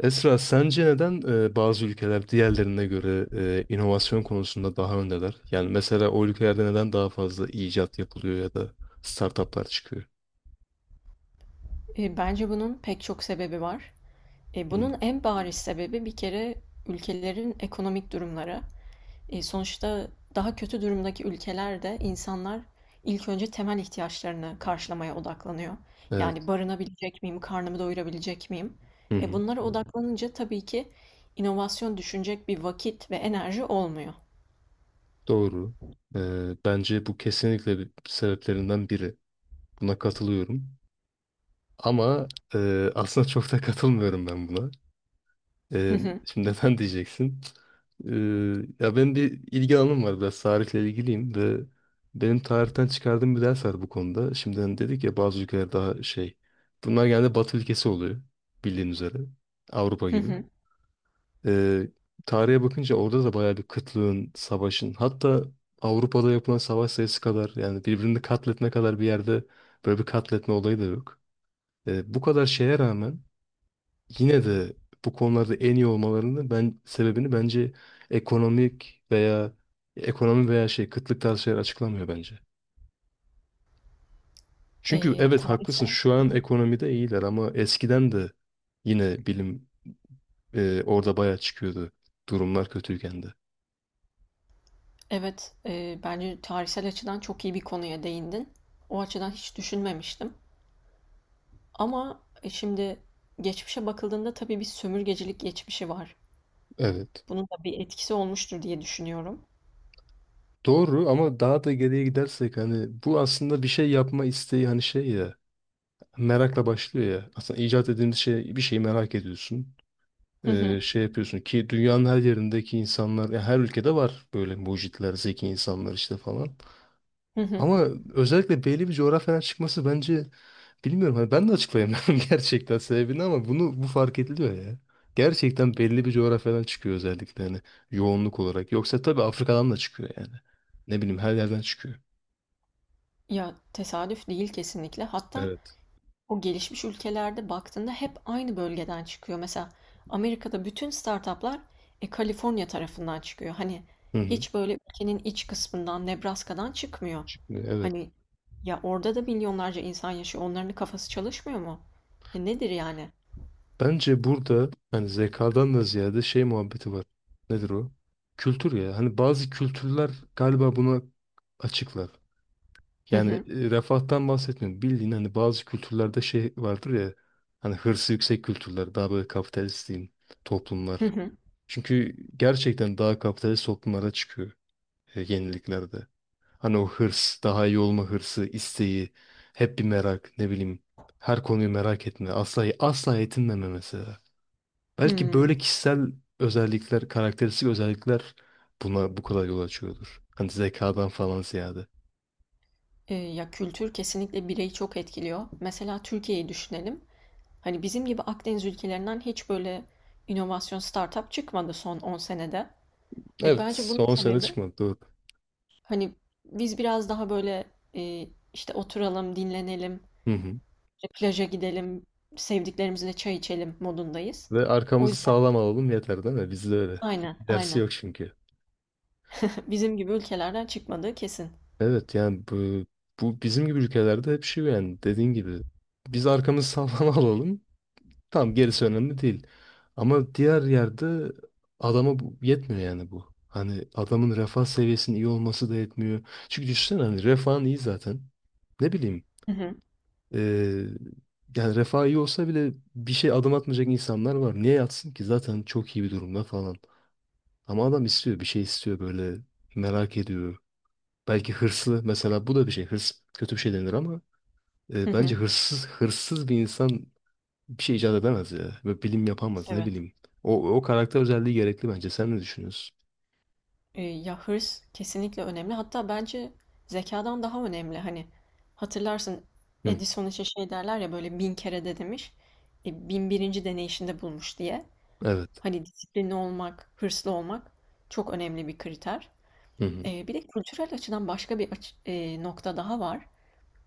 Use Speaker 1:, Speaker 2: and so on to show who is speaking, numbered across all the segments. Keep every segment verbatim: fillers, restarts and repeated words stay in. Speaker 1: Esra, sence neden e, bazı ülkeler diğerlerine göre e, inovasyon konusunda daha öndeler? Yani mesela o ülkelerde neden daha fazla icat yapılıyor ya da startuplar çıkıyor?
Speaker 2: E, Bence bunun pek çok sebebi var. E,
Speaker 1: Hı hı.
Speaker 2: bunun en bariz sebebi bir kere ülkelerin ekonomik durumları. E, sonuçta daha kötü durumdaki ülkelerde insanlar ilk önce temel ihtiyaçlarını karşılamaya odaklanıyor. Yani
Speaker 1: Evet.
Speaker 2: barınabilecek miyim, karnımı doyurabilecek miyim?
Speaker 1: Hı
Speaker 2: E,
Speaker 1: hı.
Speaker 2: bunlara odaklanınca tabii ki inovasyon düşünecek bir vakit ve enerji olmuyor.
Speaker 1: Doğru. E, bence bu kesinlikle bir sebeplerinden biri. Buna katılıyorum. Ama e, aslında çok da katılmıyorum ben buna.
Speaker 2: Hı
Speaker 1: Ee,
Speaker 2: hı,
Speaker 1: şimdi neden diyeceksin? Ee, ya benim bir ilgi alanım var, biraz tarihle ilgiliyim ve benim tarihten çıkardığım bir ders var bu konuda. Şimdi hani dedik ya, bazı ülkeler daha şey. Bunlar genelde Batı ülkesi oluyor, bildiğin üzere. Avrupa
Speaker 2: hı
Speaker 1: gibi.
Speaker 2: hı.
Speaker 1: Ee, tarihe bakınca orada da bayağı bir kıtlığın, savaşın, hatta Avrupa'da yapılan savaş sayısı kadar, yani birbirini katletme kadar bir yerde böyle bir katletme olayı da yok. Ee, bu kadar şeye rağmen yine de bu konularda en iyi olmalarının ben sebebini, bence ekonomik veya ekonomi veya şey kıtlık tarzı şeyler açıklamıyor bence. Çünkü
Speaker 2: E,
Speaker 1: evet haklısın,
Speaker 2: tarihsel,
Speaker 1: şu an ekonomide iyiler ama eskiden de yine bilim e, orada bayağı çıkıyordu, durumlar kötüyken de.
Speaker 2: evet, e, bence tarihsel açıdan çok iyi bir konuya değindin. O açıdan hiç düşünmemiştim. Ama e, şimdi geçmişe bakıldığında tabii bir sömürgecilik geçmişi var.
Speaker 1: Evet.
Speaker 2: Bunun da bir etkisi olmuştur diye düşünüyorum.
Speaker 1: Doğru ama daha da geriye gidersek hani bu aslında bir şey yapma isteği, hani şey ya, merakla başlıyor ya. Aslında icat edilmiş şey, bir şeyi merak ediyorsun.
Speaker 2: Hı hı,
Speaker 1: e, şey yapıyorsun ki dünyanın her yerindeki insanlar, ya her ülkede var böyle mucitler, zeki insanlar işte falan.
Speaker 2: hı hı.
Speaker 1: Ama özellikle belli bir coğrafyadan çıkması bence, bilmiyorum hani, ben de açıklayamıyorum gerçekten sebebini ama bunu, bu fark ediliyor ya. Gerçekten belli bir coğrafyadan çıkıyor özellikle, hani yoğunluk olarak. Yoksa tabii Afrika'dan da çıkıyor yani. Ne bileyim, her yerden çıkıyor.
Speaker 2: Ya tesadüf değil kesinlikle. Hatta
Speaker 1: Evet.
Speaker 2: o gelişmiş ülkelerde baktığında hep aynı bölgeden çıkıyor. Mesela Amerika'da bütün startuplar e, Kaliforniya tarafından çıkıyor. Hani
Speaker 1: Hı hı.
Speaker 2: hiç böyle ülkenin iç kısmından, Nebraska'dan çıkmıyor.
Speaker 1: Çıkmıyor, evet.
Speaker 2: Hani ya orada da milyonlarca insan yaşıyor. Onların kafası çalışmıyor mu? E, nedir yani?
Speaker 1: Bence burada hani zekadan da ziyade şey muhabbeti var. Nedir o? Kültür ya. Hani bazı kültürler galiba buna açıklar.
Speaker 2: Hı
Speaker 1: Yani
Speaker 2: hı,
Speaker 1: e, refahtan bahsetmiyorum. Bildiğin hani bazı kültürlerde şey vardır ya. Hani hırsı yüksek kültürler. Daha böyle kapitalist diyeyim,
Speaker 2: hı
Speaker 1: toplumlar.
Speaker 2: hı,
Speaker 1: Çünkü gerçekten daha kapitalist toplumlara çıkıyor e, yeniliklerde. Hani o hırs, daha iyi olma hırsı, isteği, hep bir merak, ne bileyim, her konuyu merak etme, asla asla yetinmeme mesela. Belki
Speaker 2: hı.
Speaker 1: böyle kişisel özellikler, karakteristik özellikler buna bu kadar yol açıyordur. Hani zekadan falan ziyade.
Speaker 2: Eee, ya, kültür kesinlikle bireyi çok etkiliyor. Mesela Türkiye'yi düşünelim. Hani bizim gibi Akdeniz ülkelerinden hiç böyle inovasyon startup çıkmadı son on senede. E,
Speaker 1: Evet,
Speaker 2: bence bunun
Speaker 1: son sene
Speaker 2: sebebi
Speaker 1: çıkmadı, doğru.
Speaker 2: hani biz biraz daha böyle e, işte oturalım, dinlenelim,
Speaker 1: Hı hı.
Speaker 2: işte plaja gidelim, sevdiklerimizle çay içelim modundayız.
Speaker 1: Ve
Speaker 2: O
Speaker 1: arkamızı
Speaker 2: yüzden
Speaker 1: sağlam alalım yeter değil mi? Bizde öyle.
Speaker 2: aynen,
Speaker 1: Dersi
Speaker 2: aynen.
Speaker 1: yok çünkü.
Speaker 2: Bizim gibi ülkelerden çıkmadığı kesin.
Speaker 1: Evet yani bu, bu bizim gibi ülkelerde hep şey, yani dediğin gibi biz arkamızı sağlam alalım. Tamam, gerisi önemli değil. Ama diğer yerde adama bu yetmiyor, yani bu. Hani adamın refah seviyesinin iyi olması da yetmiyor. Çünkü düşünsene, hani refahın iyi zaten. Ne bileyim,
Speaker 2: Hı hı,
Speaker 1: eee, yani refah iyi olsa bile bir şey adım atmayacak insanlar var. Niye yatsın ki zaten, çok iyi bir durumda falan. Ama adam istiyor, bir şey istiyor, böyle merak ediyor. Belki hırslı mesela, bu da bir şey, hırs kötü bir şey denir ama
Speaker 2: hı
Speaker 1: e, bence
Speaker 2: hı.
Speaker 1: hırsız, hırsız bir insan bir şey icat edemez ya. Ve bilim yapamaz, ne
Speaker 2: Evet.
Speaker 1: bileyim. O, o karakter özelliği gerekli bence. Sen ne düşünüyorsun?
Speaker 2: E, ya hırs kesinlikle önemli. Hatta bence zekadan daha önemli. Hani hatırlarsın
Speaker 1: Hı,
Speaker 2: Edison için şey derler ya böyle bin kere de demiş. E, bin birinci deneyişinde bulmuş diye.
Speaker 1: evet.
Speaker 2: Hani disiplinli olmak, hırslı olmak çok önemli bir kriter.
Speaker 1: Hı hı.
Speaker 2: E, bir de kültürel açıdan başka bir aç- e, nokta daha var.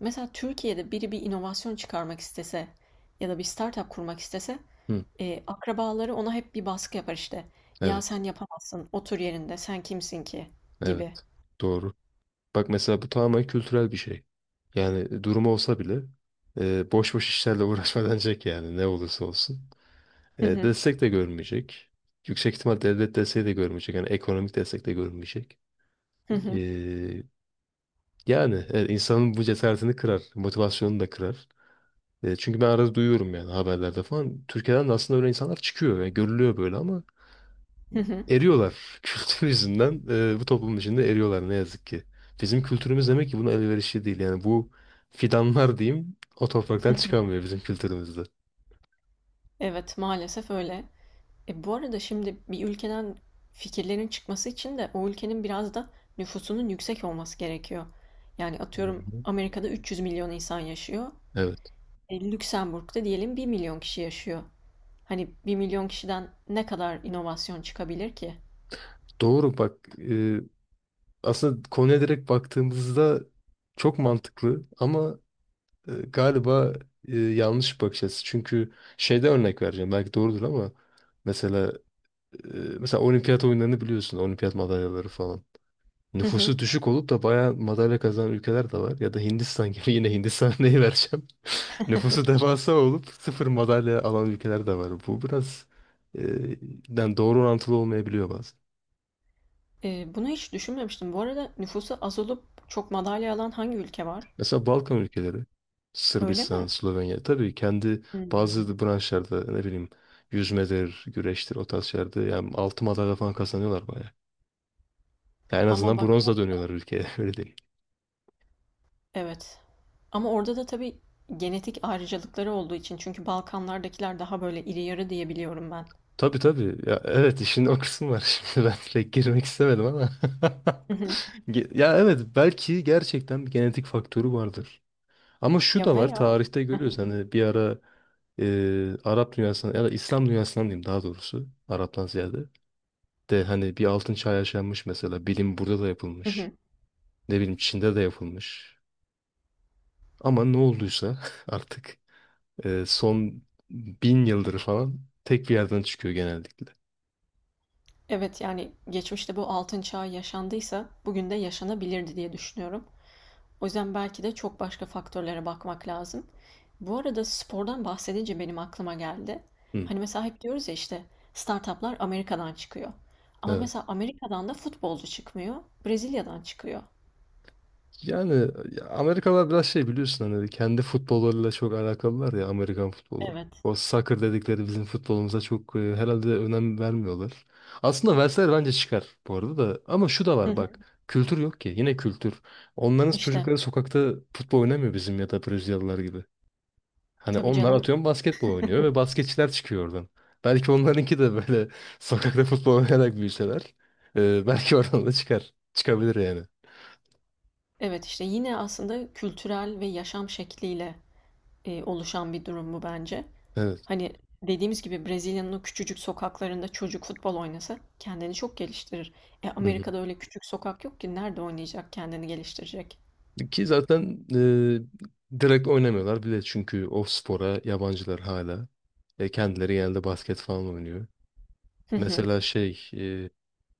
Speaker 2: Mesela Türkiye'de biri bir inovasyon çıkarmak istese ya da bir startup kurmak istese
Speaker 1: Hı,
Speaker 2: e, akrabaları ona hep bir baskı yapar işte. Ya
Speaker 1: evet.
Speaker 2: sen yapamazsın, otur yerinde, sen kimsin ki
Speaker 1: Evet.
Speaker 2: gibi.
Speaker 1: Doğru. Bak mesela, bu tamamen kültürel bir şey. Yani durumu olsa bile e, boş boş işlerle uğraşmadanacak yani, ne olursa olsun.
Speaker 2: Hı
Speaker 1: E,
Speaker 2: hı.
Speaker 1: destek de görmeyecek. Yüksek ihtimal devlet desteği de görmeyecek. Yani ekonomik destek de görmeyecek.
Speaker 2: Hı hı.
Speaker 1: E, yani evet, insanın bu cesaretini kırar. Motivasyonunu da kırar. E, çünkü ben arada duyuyorum yani, haberlerde falan. Türkiye'den de aslında öyle insanlar çıkıyor ve görülüyor böyle, ama
Speaker 2: Hı hı.
Speaker 1: eriyorlar. Kültür yüzünden e, bu toplum içinde eriyorlar ne yazık ki. Bizim kültürümüz demek ki buna elverişli değil. Yani bu fidanlar diyeyim, o
Speaker 2: Hı
Speaker 1: topraktan
Speaker 2: hı.
Speaker 1: çıkamıyor bizim kültürümüzde.
Speaker 2: Evet, maalesef öyle. E, bu arada şimdi bir ülkeden fikirlerin çıkması için de o ülkenin biraz da nüfusunun yüksek olması gerekiyor. Yani
Speaker 1: Hı
Speaker 2: atıyorum
Speaker 1: hı.
Speaker 2: Amerika'da 300 milyon insan yaşıyor.
Speaker 1: Evet.
Speaker 2: E, Lüksemburg'da diyelim bir milyon kişi yaşıyor. Hani bir milyon kişiden ne kadar inovasyon çıkabilir ki?
Speaker 1: Doğru, bak e, aslında konuya direkt baktığımızda çok mantıklı ama e, galiba e, yanlış bir bakış açısı. Çünkü şeyde örnek vereceğim. Belki doğrudur ama mesela e, mesela olimpiyat oyunlarını biliyorsun. Olimpiyat madalyaları falan.
Speaker 2: Hı hı.
Speaker 1: Nüfusu düşük olup da bayağı madalya kazanan ülkeler de var. Ya da Hindistan gibi, yine Hindistan neyi vereceğim. Nüfusu devasa olup sıfır madalya alan ülkeler de var. Bu biraz e, yani doğru orantılı olmayabiliyor.
Speaker 2: E, bunu hiç düşünmemiştim. Bu arada nüfusu az olup çok madalya alan hangi ülke var?
Speaker 1: Mesela Balkan ülkeleri,
Speaker 2: Öyle
Speaker 1: Sırbistan,
Speaker 2: mi?
Speaker 1: Slovenya, tabii kendi
Speaker 2: Hmm.
Speaker 1: bazı branşlarda, ne bileyim, yüzmedir, güreştir, o tarz şeylerde yani altın madalya falan kazanıyorlar bayağı. Yani en
Speaker 2: Ama
Speaker 1: azından
Speaker 2: bak.
Speaker 1: bronzla dönüyorlar ülkeye, öyle değil.
Speaker 2: Evet. Ama orada da tabii genetik ayrıcalıkları olduğu için çünkü Balkanlardakiler daha böyle iri yarı diye biliyorum ben.
Speaker 1: Tabii tabii ya, evet, işin o kısmı var, şimdi ben pek girmek istemedim ama.
Speaker 2: Hı hı.
Speaker 1: Ge- Ya evet, belki gerçekten bir genetik faktörü vardır. Ama şu
Speaker 2: Ya
Speaker 1: da var,
Speaker 2: veya.
Speaker 1: tarihte
Speaker 2: Hı hı.
Speaker 1: görüyoruz hani bir ara e, Arap dünyasından ya da İslam dünyasından diyeyim, daha doğrusu Arap'tan ziyade. De hani bir altın çağ yaşanmış mesela. Bilim burada da
Speaker 2: Hı
Speaker 1: yapılmış.
Speaker 2: hı.
Speaker 1: Ne bileyim, Çin'de de yapılmış. Ama ne olduysa artık e, son bin yıldır falan tek bir yerden çıkıyor genellikle.
Speaker 2: Evet yani geçmişte bu altın çağı yaşandıysa bugün de yaşanabilirdi diye düşünüyorum. O yüzden belki de çok başka faktörlere bakmak lazım. Bu arada spordan bahsedince benim aklıma geldi.
Speaker 1: Hı,
Speaker 2: Hani mesela hep diyoruz ya işte startuplar Amerika'dan çıkıyor. Ama mesela
Speaker 1: evet.
Speaker 2: Amerika'dan da futbolcu çıkmıyor, Brezilya'dan çıkıyor.
Speaker 1: Yani Amerikalılar biraz şey, biliyorsun hani kendi futbollarıyla çok alakalılar ya, Amerikan futbolu.
Speaker 2: Evet.
Speaker 1: O soccer dedikleri bizim futbolumuza çok e, herhalde önem vermiyorlar. Aslında verseler bence çıkar bu arada da. Ama şu da
Speaker 2: Hı
Speaker 1: var,
Speaker 2: hı.
Speaker 1: bak. Kültür yok ki. Yine kültür. Onların
Speaker 2: İşte.
Speaker 1: çocukları sokakta futbol oynamıyor bizim ya da Brezilyalılar gibi. Hani
Speaker 2: Tabii
Speaker 1: onlar,
Speaker 2: canım.
Speaker 1: atıyorum, basketbol oynuyor ve basketçiler çıkıyor oradan. Belki onlarınki de böyle sokakta futbol oynayarak büyüseler, e, belki oradan da çıkar. Çıkabilir yani.
Speaker 2: Evet işte yine aslında kültürel ve yaşam şekliyle e, oluşan bir durum bu bence.
Speaker 1: Evet.
Speaker 2: Hani dediğimiz gibi Brezilya'nın o küçücük sokaklarında çocuk futbol oynasa kendini çok geliştirir. E, Amerika'da öyle küçük sokak yok ki nerede oynayacak kendini geliştirecek.
Speaker 1: Ki zaten e, direkt oynamıyorlar bile, çünkü o spora yabancılar hala. E, kendileri genelde basket falan oynuyor.
Speaker 2: Hı hı.
Speaker 1: Mesela şey,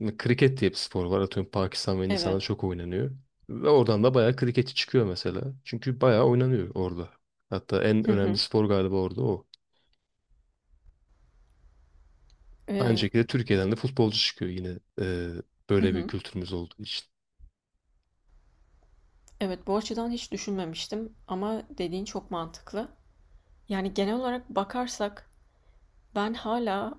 Speaker 1: e, kriket diye bir spor var. Atıyorum Pakistan ve
Speaker 2: Evet.
Speaker 1: Hindistan'da çok oynanıyor. Ve oradan da bayağı kriketçi çıkıyor mesela. Çünkü bayağı oynanıyor orada. Hatta en
Speaker 2: Hı
Speaker 1: önemli
Speaker 2: hı.
Speaker 1: spor galiba orada o. Aynı
Speaker 2: E,
Speaker 1: şekilde Türkiye'den de futbolcu çıkıyor yine e,
Speaker 2: hı
Speaker 1: böyle bir
Speaker 2: hı.
Speaker 1: kültürümüz olduğu için.
Speaker 2: Evet bu açıdan hiç düşünmemiştim ama dediğin çok mantıklı. Yani genel olarak bakarsak ben hala.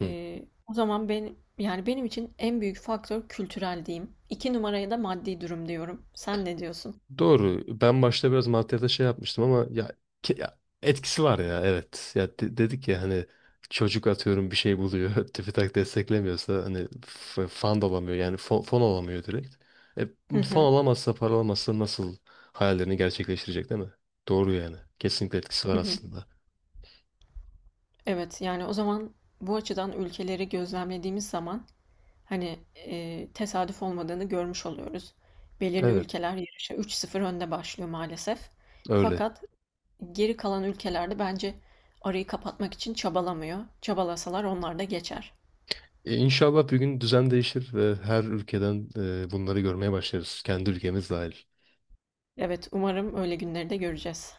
Speaker 1: Hı.
Speaker 2: Ee, o zaman ben yani benim için en büyük faktör kültürel diyeyim. İki numaraya da maddi durum diyorum. Sen ne diyorsun?
Speaker 1: Doğru. Ben başta biraz maddiyata şey yapmıştım ama ya, ke- ya etkisi var ya, evet. Ya de- dedik ya hani, çocuk atıyorum bir şey buluyor. TÜBİTAK desteklemiyorsa hani f- fan da olamıyor. Yani fon, fon olamıyor direkt. E,
Speaker 2: Hı
Speaker 1: fon
Speaker 2: hı.
Speaker 1: olamazsa, para olamazsa nasıl hayallerini gerçekleştirecek, değil mi? Doğru yani. Kesinlikle etkisi var
Speaker 2: Hı hı.
Speaker 1: aslında.
Speaker 2: Evet yani o zaman bu açıdan ülkeleri gözlemlediğimiz zaman hani e, tesadüf olmadığını görmüş oluyoruz. Belirli
Speaker 1: Evet
Speaker 2: ülkeler yarışa üç sıfır önde önde başlıyor maalesef.
Speaker 1: öyle.
Speaker 2: Fakat geri kalan ülkelerde bence arayı kapatmak için çabalamıyor. Çabalasalar onlar da geçer.
Speaker 1: E, İnşallah bir gün düzen değişir ve her ülkeden e, bunları görmeye başlarız. Kendi ülkemiz dahil.
Speaker 2: Evet umarım öyle günleri de göreceğiz.